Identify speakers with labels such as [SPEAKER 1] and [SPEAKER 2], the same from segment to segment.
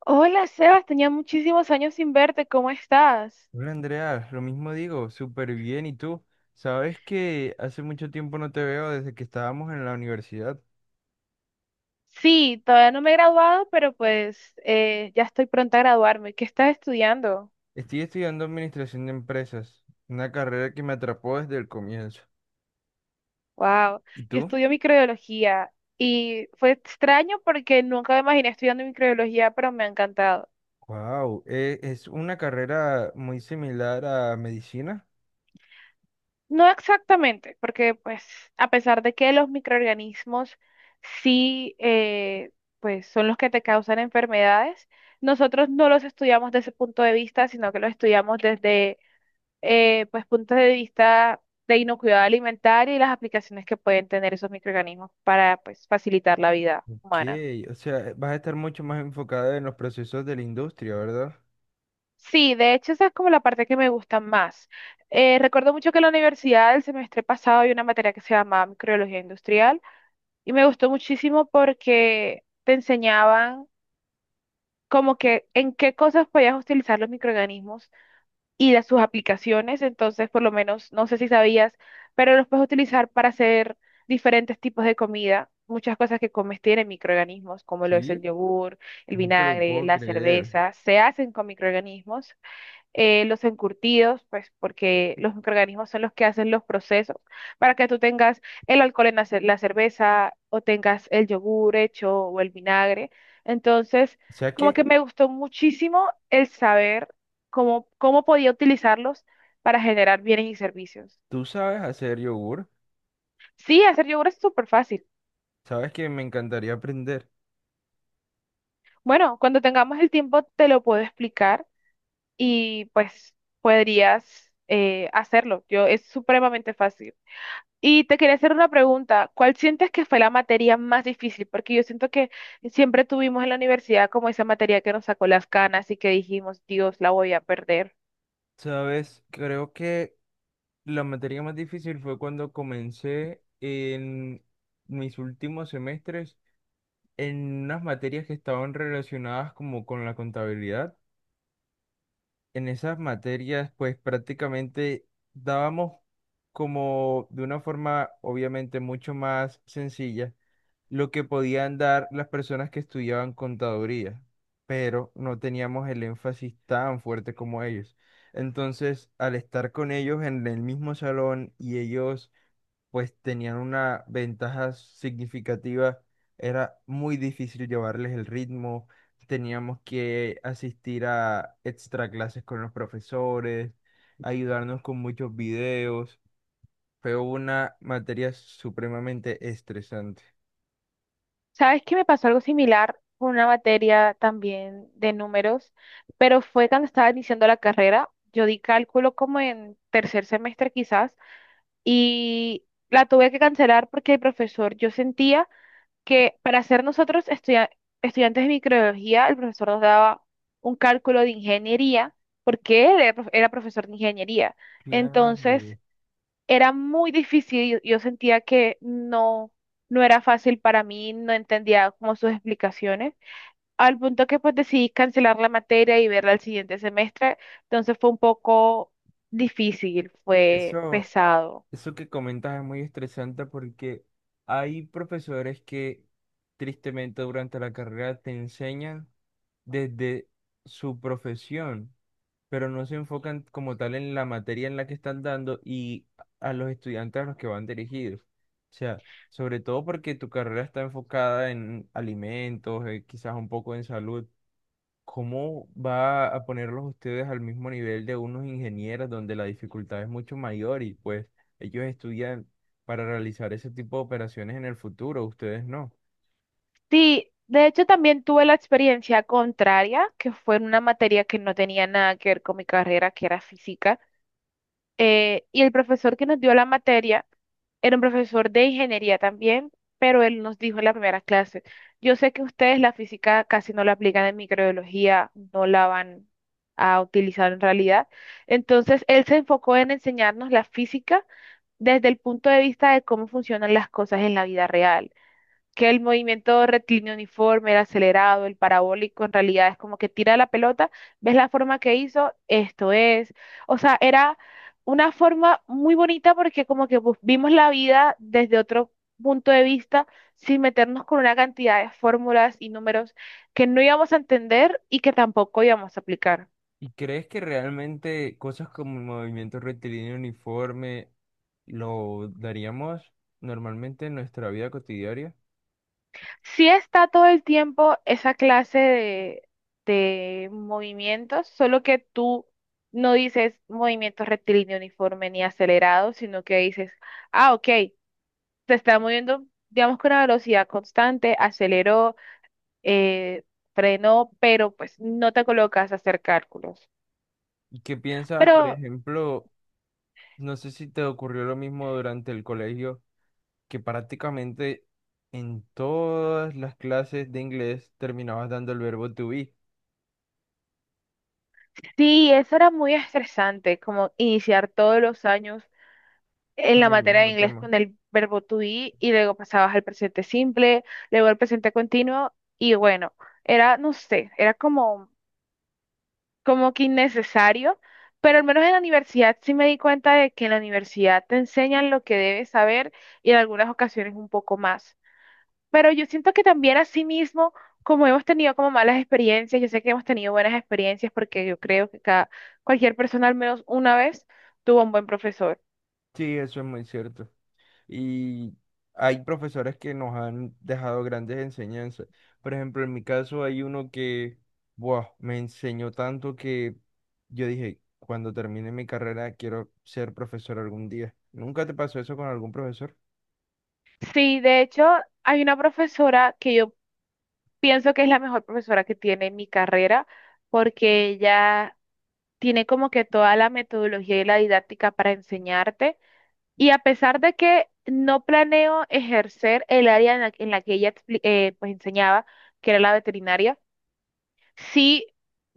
[SPEAKER 1] Hola, Sebas, tenía muchísimos años sin verte, ¿cómo estás?
[SPEAKER 2] Hola Andrea, lo mismo digo, súper bien. ¿Y tú? Sabes que hace mucho tiempo no te veo desde que estábamos en la universidad.
[SPEAKER 1] Sí, todavía no me he graduado, pero pues ya estoy pronta a graduarme. ¿Qué estás estudiando?
[SPEAKER 2] Estoy estudiando administración de empresas, una carrera que me atrapó desde el comienzo.
[SPEAKER 1] Wow,
[SPEAKER 2] ¿Y
[SPEAKER 1] yo
[SPEAKER 2] tú?
[SPEAKER 1] estudio microbiología y fue extraño porque nunca me imaginé estudiando microbiología, pero me ha encantado.
[SPEAKER 2] Wow, es una carrera muy similar a medicina.
[SPEAKER 1] No exactamente, porque pues a pesar de que los microorganismos sí pues son los que te causan enfermedades, nosotros no los estudiamos desde ese punto de vista, sino que los estudiamos desde pues puntos de vista de inocuidad alimentaria y las aplicaciones que pueden tener esos microorganismos para pues facilitar la vida
[SPEAKER 2] Ok,
[SPEAKER 1] humana.
[SPEAKER 2] o sea, vas a estar mucho más enfocada en los procesos de la industria, ¿verdad?
[SPEAKER 1] Sí, de hecho esa es como la parte que me gusta más. Recuerdo mucho que en la universidad el semestre pasado había una materia que se llamaba microbiología industrial y me gustó muchísimo porque te enseñaban como que en qué cosas podías utilizar los microorganismos y las, sus aplicaciones, entonces por lo menos, no sé si sabías, pero los puedes utilizar para hacer diferentes tipos de comida. Muchas cosas que comes tienen microorganismos, como lo es el
[SPEAKER 2] Sí,
[SPEAKER 1] yogur, el
[SPEAKER 2] no te lo
[SPEAKER 1] vinagre,
[SPEAKER 2] puedo
[SPEAKER 1] la
[SPEAKER 2] creer.
[SPEAKER 1] cerveza, se hacen con microorganismos, los encurtidos, pues porque los microorganismos son los que hacen los procesos para que tú tengas el alcohol en la, la cerveza o tengas el yogur hecho o el vinagre. Entonces,
[SPEAKER 2] O sea
[SPEAKER 1] como
[SPEAKER 2] que
[SPEAKER 1] que me gustó muchísimo el saber cómo podía utilizarlos para generar bienes y servicios.
[SPEAKER 2] tú sabes hacer yogur,
[SPEAKER 1] Sí, hacer yogur es súper fácil.
[SPEAKER 2] sabes que me encantaría aprender.
[SPEAKER 1] Bueno, cuando tengamos el tiempo te lo puedo explicar y pues podrías hacerlo. Yo, es supremamente fácil. Y te quería hacer una pregunta, ¿cuál sientes que fue la materia más difícil? Porque yo siento que siempre tuvimos en la universidad como esa materia que nos sacó las canas y que dijimos, Dios, la voy a perder.
[SPEAKER 2] Sabes, creo que la materia más difícil fue cuando comencé en mis últimos semestres en unas materias que estaban relacionadas como con la contabilidad, en esas materias, pues prácticamente dábamos como de una forma obviamente mucho más sencilla lo que podían dar las personas que estudiaban contaduría, pero no teníamos el énfasis tan fuerte como ellos. Entonces, al estar con ellos en el mismo salón y ellos pues tenían una ventaja significativa, era muy difícil llevarles el ritmo, teníamos que asistir a extra clases con los profesores, ayudarnos con muchos videos, fue una materia supremamente estresante.
[SPEAKER 1] ¿Sabes que me pasó algo similar con una materia también de números? Pero fue cuando estaba iniciando la carrera, yo di cálculo como en tercer semestre quizás y la tuve que cancelar porque el profesor, yo sentía que para ser nosotros estudiantes de microbiología, el profesor nos daba un cálculo de ingeniería, porque él era, era profesor de ingeniería. Entonces,
[SPEAKER 2] Claro.
[SPEAKER 1] era muy difícil, yo sentía que no, no era fácil para mí, no entendía como sus explicaciones, al punto que pues decidí cancelar la materia y verla el siguiente semestre, entonces fue un poco difícil, fue
[SPEAKER 2] Eso,
[SPEAKER 1] pesado.
[SPEAKER 2] eso que comentas es muy estresante porque hay profesores que tristemente durante la carrera te enseñan desde su profesión, pero no se enfocan como tal en la materia en la que están dando y a los estudiantes a los que van dirigidos. O sea, sobre todo porque tu carrera está enfocada en alimentos, quizás un poco en salud. ¿Cómo va a ponerlos ustedes al mismo nivel de unos ingenieros donde la dificultad es mucho mayor y pues ellos estudian para realizar ese tipo de operaciones en el futuro, ustedes no?
[SPEAKER 1] Sí, de hecho también tuve la experiencia contraria, que fue en una materia que no tenía nada que ver con mi carrera, que era física. Y el profesor que nos dio la materia era un profesor de ingeniería también, pero él nos dijo en la primera clase, yo sé que ustedes la física casi no la aplican en microbiología, no la van a utilizar en realidad. Entonces, él se enfocó en enseñarnos la física desde el punto de vista de cómo funcionan las cosas en la vida real, que el movimiento rectilíneo uniforme, el acelerado, el parabólico, en realidad es como que tira la pelota, ves la forma que hizo, esto es. O sea, era una forma muy bonita porque como que pues, vimos la vida desde otro punto de vista, sin meternos con una cantidad de fórmulas y números que no íbamos a entender y que tampoco íbamos a aplicar.
[SPEAKER 2] ¿Y crees que realmente cosas como el movimiento rectilíneo uniforme lo daríamos normalmente en nuestra vida cotidiana?
[SPEAKER 1] Sí, está todo el tiempo esa clase de movimientos, solo que tú no dices movimiento rectilíneo uniforme ni acelerado, sino que dices, ah, ok, se está moviendo, digamos, con una velocidad constante, aceleró, eh, frenó, pero pues no te colocas a hacer cálculos.
[SPEAKER 2] ¿Qué piensas,
[SPEAKER 1] Pero
[SPEAKER 2] por ejemplo, no sé si te ocurrió lo mismo durante el colegio, que prácticamente en todas las clases de inglés terminabas dando el verbo to be
[SPEAKER 1] sí, eso era muy estresante, como iniciar todos los años en
[SPEAKER 2] con
[SPEAKER 1] la
[SPEAKER 2] el
[SPEAKER 1] materia de
[SPEAKER 2] mismo
[SPEAKER 1] inglés
[SPEAKER 2] tema?
[SPEAKER 1] con el verbo to be y luego pasabas al presente simple, luego al presente continuo y bueno, era, no sé, era como, como que innecesario, pero al menos en la universidad sí me di cuenta de que en la universidad te enseñan lo que debes saber y en algunas ocasiones un poco más. Pero yo siento que también asimismo, como hemos tenido como malas experiencias, yo sé que hemos tenido buenas experiencias porque yo creo que cualquier persona al menos una vez tuvo un buen profesor.
[SPEAKER 2] Sí, eso es muy cierto. Y hay profesores que nos han dejado grandes enseñanzas. Por ejemplo, en mi caso hay uno que, buah, me enseñó tanto que yo dije, cuando termine mi carrera quiero ser profesor algún día. ¿Nunca te pasó eso con algún profesor?
[SPEAKER 1] Sí, de hecho, hay una profesora que yo pienso que es la mejor profesora que tiene mi carrera, porque ella tiene como que toda la metodología y la didáctica para enseñarte. Y a pesar de que no planeo ejercer el área en la que ella pues enseñaba, que era la veterinaria, sí,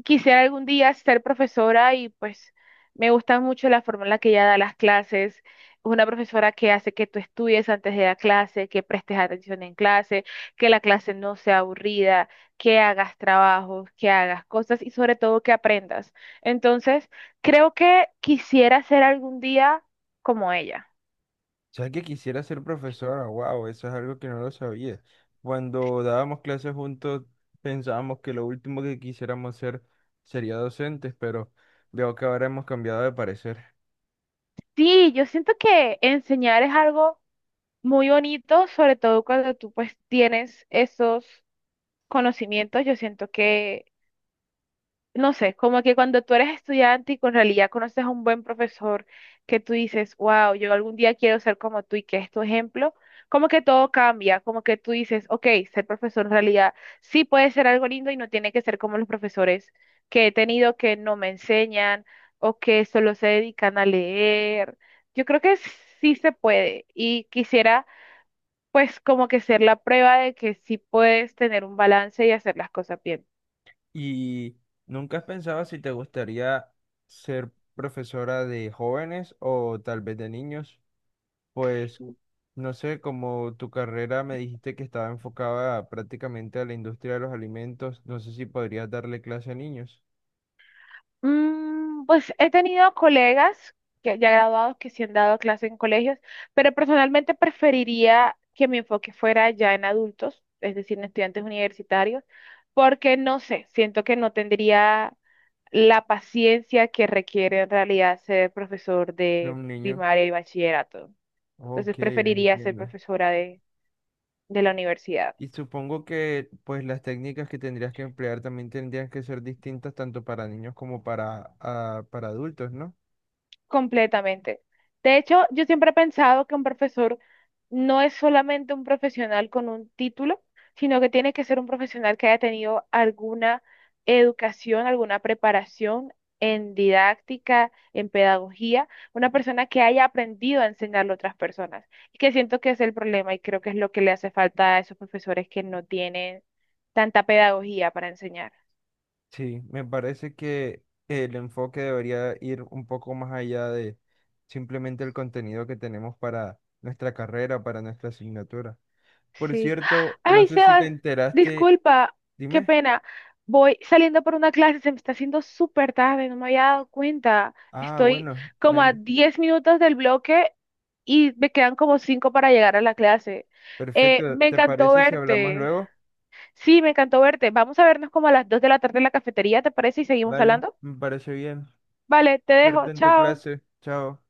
[SPEAKER 1] quisiera algún día ser profesora y pues me gusta mucho la forma en la que ella da las clases. Es una profesora que hace que tú estudies antes de la clase, que prestes atención en clase, que la clase no sea aburrida, que hagas trabajos, que hagas cosas y sobre todo que aprendas. Entonces, creo que quisiera ser algún día como ella.
[SPEAKER 2] ¿Sabes que quisiera ser profesora? Wow, eso es algo que no lo sabía. Cuando dábamos clases juntos pensábamos que lo último que quisiéramos ser sería docentes, pero veo que ahora hemos cambiado de parecer.
[SPEAKER 1] Sí, yo siento que enseñar es algo muy bonito, sobre todo cuando tú pues tienes esos conocimientos, yo siento que, no sé, como que cuando tú eres estudiante y con realidad conoces a un buen profesor que tú dices, wow, yo algún día quiero ser como tú y que es tu ejemplo, como que todo cambia, como que tú dices, ok, ser profesor en realidad sí puede ser algo lindo y no tiene que ser como los profesores que he tenido que no me enseñan o que solo se dedican a leer. Yo creo que sí se puede y quisiera pues como que ser la prueba de que sí puedes tener un balance y hacer las cosas bien.
[SPEAKER 2] ¿Y nunca has pensado si te gustaría ser profesora de jóvenes o tal vez de niños? Pues no sé, como tu carrera me dijiste que estaba enfocada prácticamente a la industria de los alimentos, no sé si podrías darle clase a niños,
[SPEAKER 1] Mm, pues he tenido colegas que ya graduados que sí han dado clase en colegios, pero personalmente preferiría que mi enfoque fuera ya en adultos, es decir, en estudiantes universitarios, porque no sé, siento que no tendría la paciencia que requiere en realidad ser profesor
[SPEAKER 2] de
[SPEAKER 1] de
[SPEAKER 2] un niño.
[SPEAKER 1] primaria y bachillerato. Entonces
[SPEAKER 2] Ok,
[SPEAKER 1] preferiría ser
[SPEAKER 2] entiendo.
[SPEAKER 1] profesora de la universidad.
[SPEAKER 2] Y supongo que pues las técnicas que tendrías que emplear también tendrían que ser distintas tanto para niños como para, ah, para adultos, ¿no?
[SPEAKER 1] Completamente. De hecho, yo siempre he pensado que un profesor no es solamente un profesional con un título, sino que tiene que ser un profesional que haya tenido alguna educación, alguna preparación en didáctica, en pedagogía, una persona que haya aprendido a enseñarle a otras personas. Y que siento que es el problema y creo que es lo que le hace falta a esos profesores que no tienen tanta pedagogía para enseñar.
[SPEAKER 2] Sí, me parece que el enfoque debería ir un poco más allá de simplemente el contenido que tenemos para nuestra carrera, para nuestra asignatura. Por
[SPEAKER 1] Sí.
[SPEAKER 2] cierto, no
[SPEAKER 1] Ay,
[SPEAKER 2] sé si te
[SPEAKER 1] Sebas,
[SPEAKER 2] enteraste,
[SPEAKER 1] disculpa, qué
[SPEAKER 2] dime.
[SPEAKER 1] pena. Voy saliendo por una clase, se me está haciendo súper tarde, no me había dado cuenta.
[SPEAKER 2] Ah,
[SPEAKER 1] Estoy
[SPEAKER 2] bueno, no
[SPEAKER 1] como a
[SPEAKER 2] hay...
[SPEAKER 1] 10 minutos del bloque y me quedan como 5 para llegar a la clase.
[SPEAKER 2] perfecto.
[SPEAKER 1] Me
[SPEAKER 2] ¿Te
[SPEAKER 1] encantó
[SPEAKER 2] parece si hablamos
[SPEAKER 1] verte.
[SPEAKER 2] luego?
[SPEAKER 1] Sí, me encantó verte. Vamos a vernos como a las 2 de la tarde en la cafetería, ¿te parece? Y seguimos
[SPEAKER 2] Vale,
[SPEAKER 1] hablando.
[SPEAKER 2] me parece bien.
[SPEAKER 1] Vale, te dejo.
[SPEAKER 2] Suerte en tu
[SPEAKER 1] Chao.
[SPEAKER 2] clase. Chao.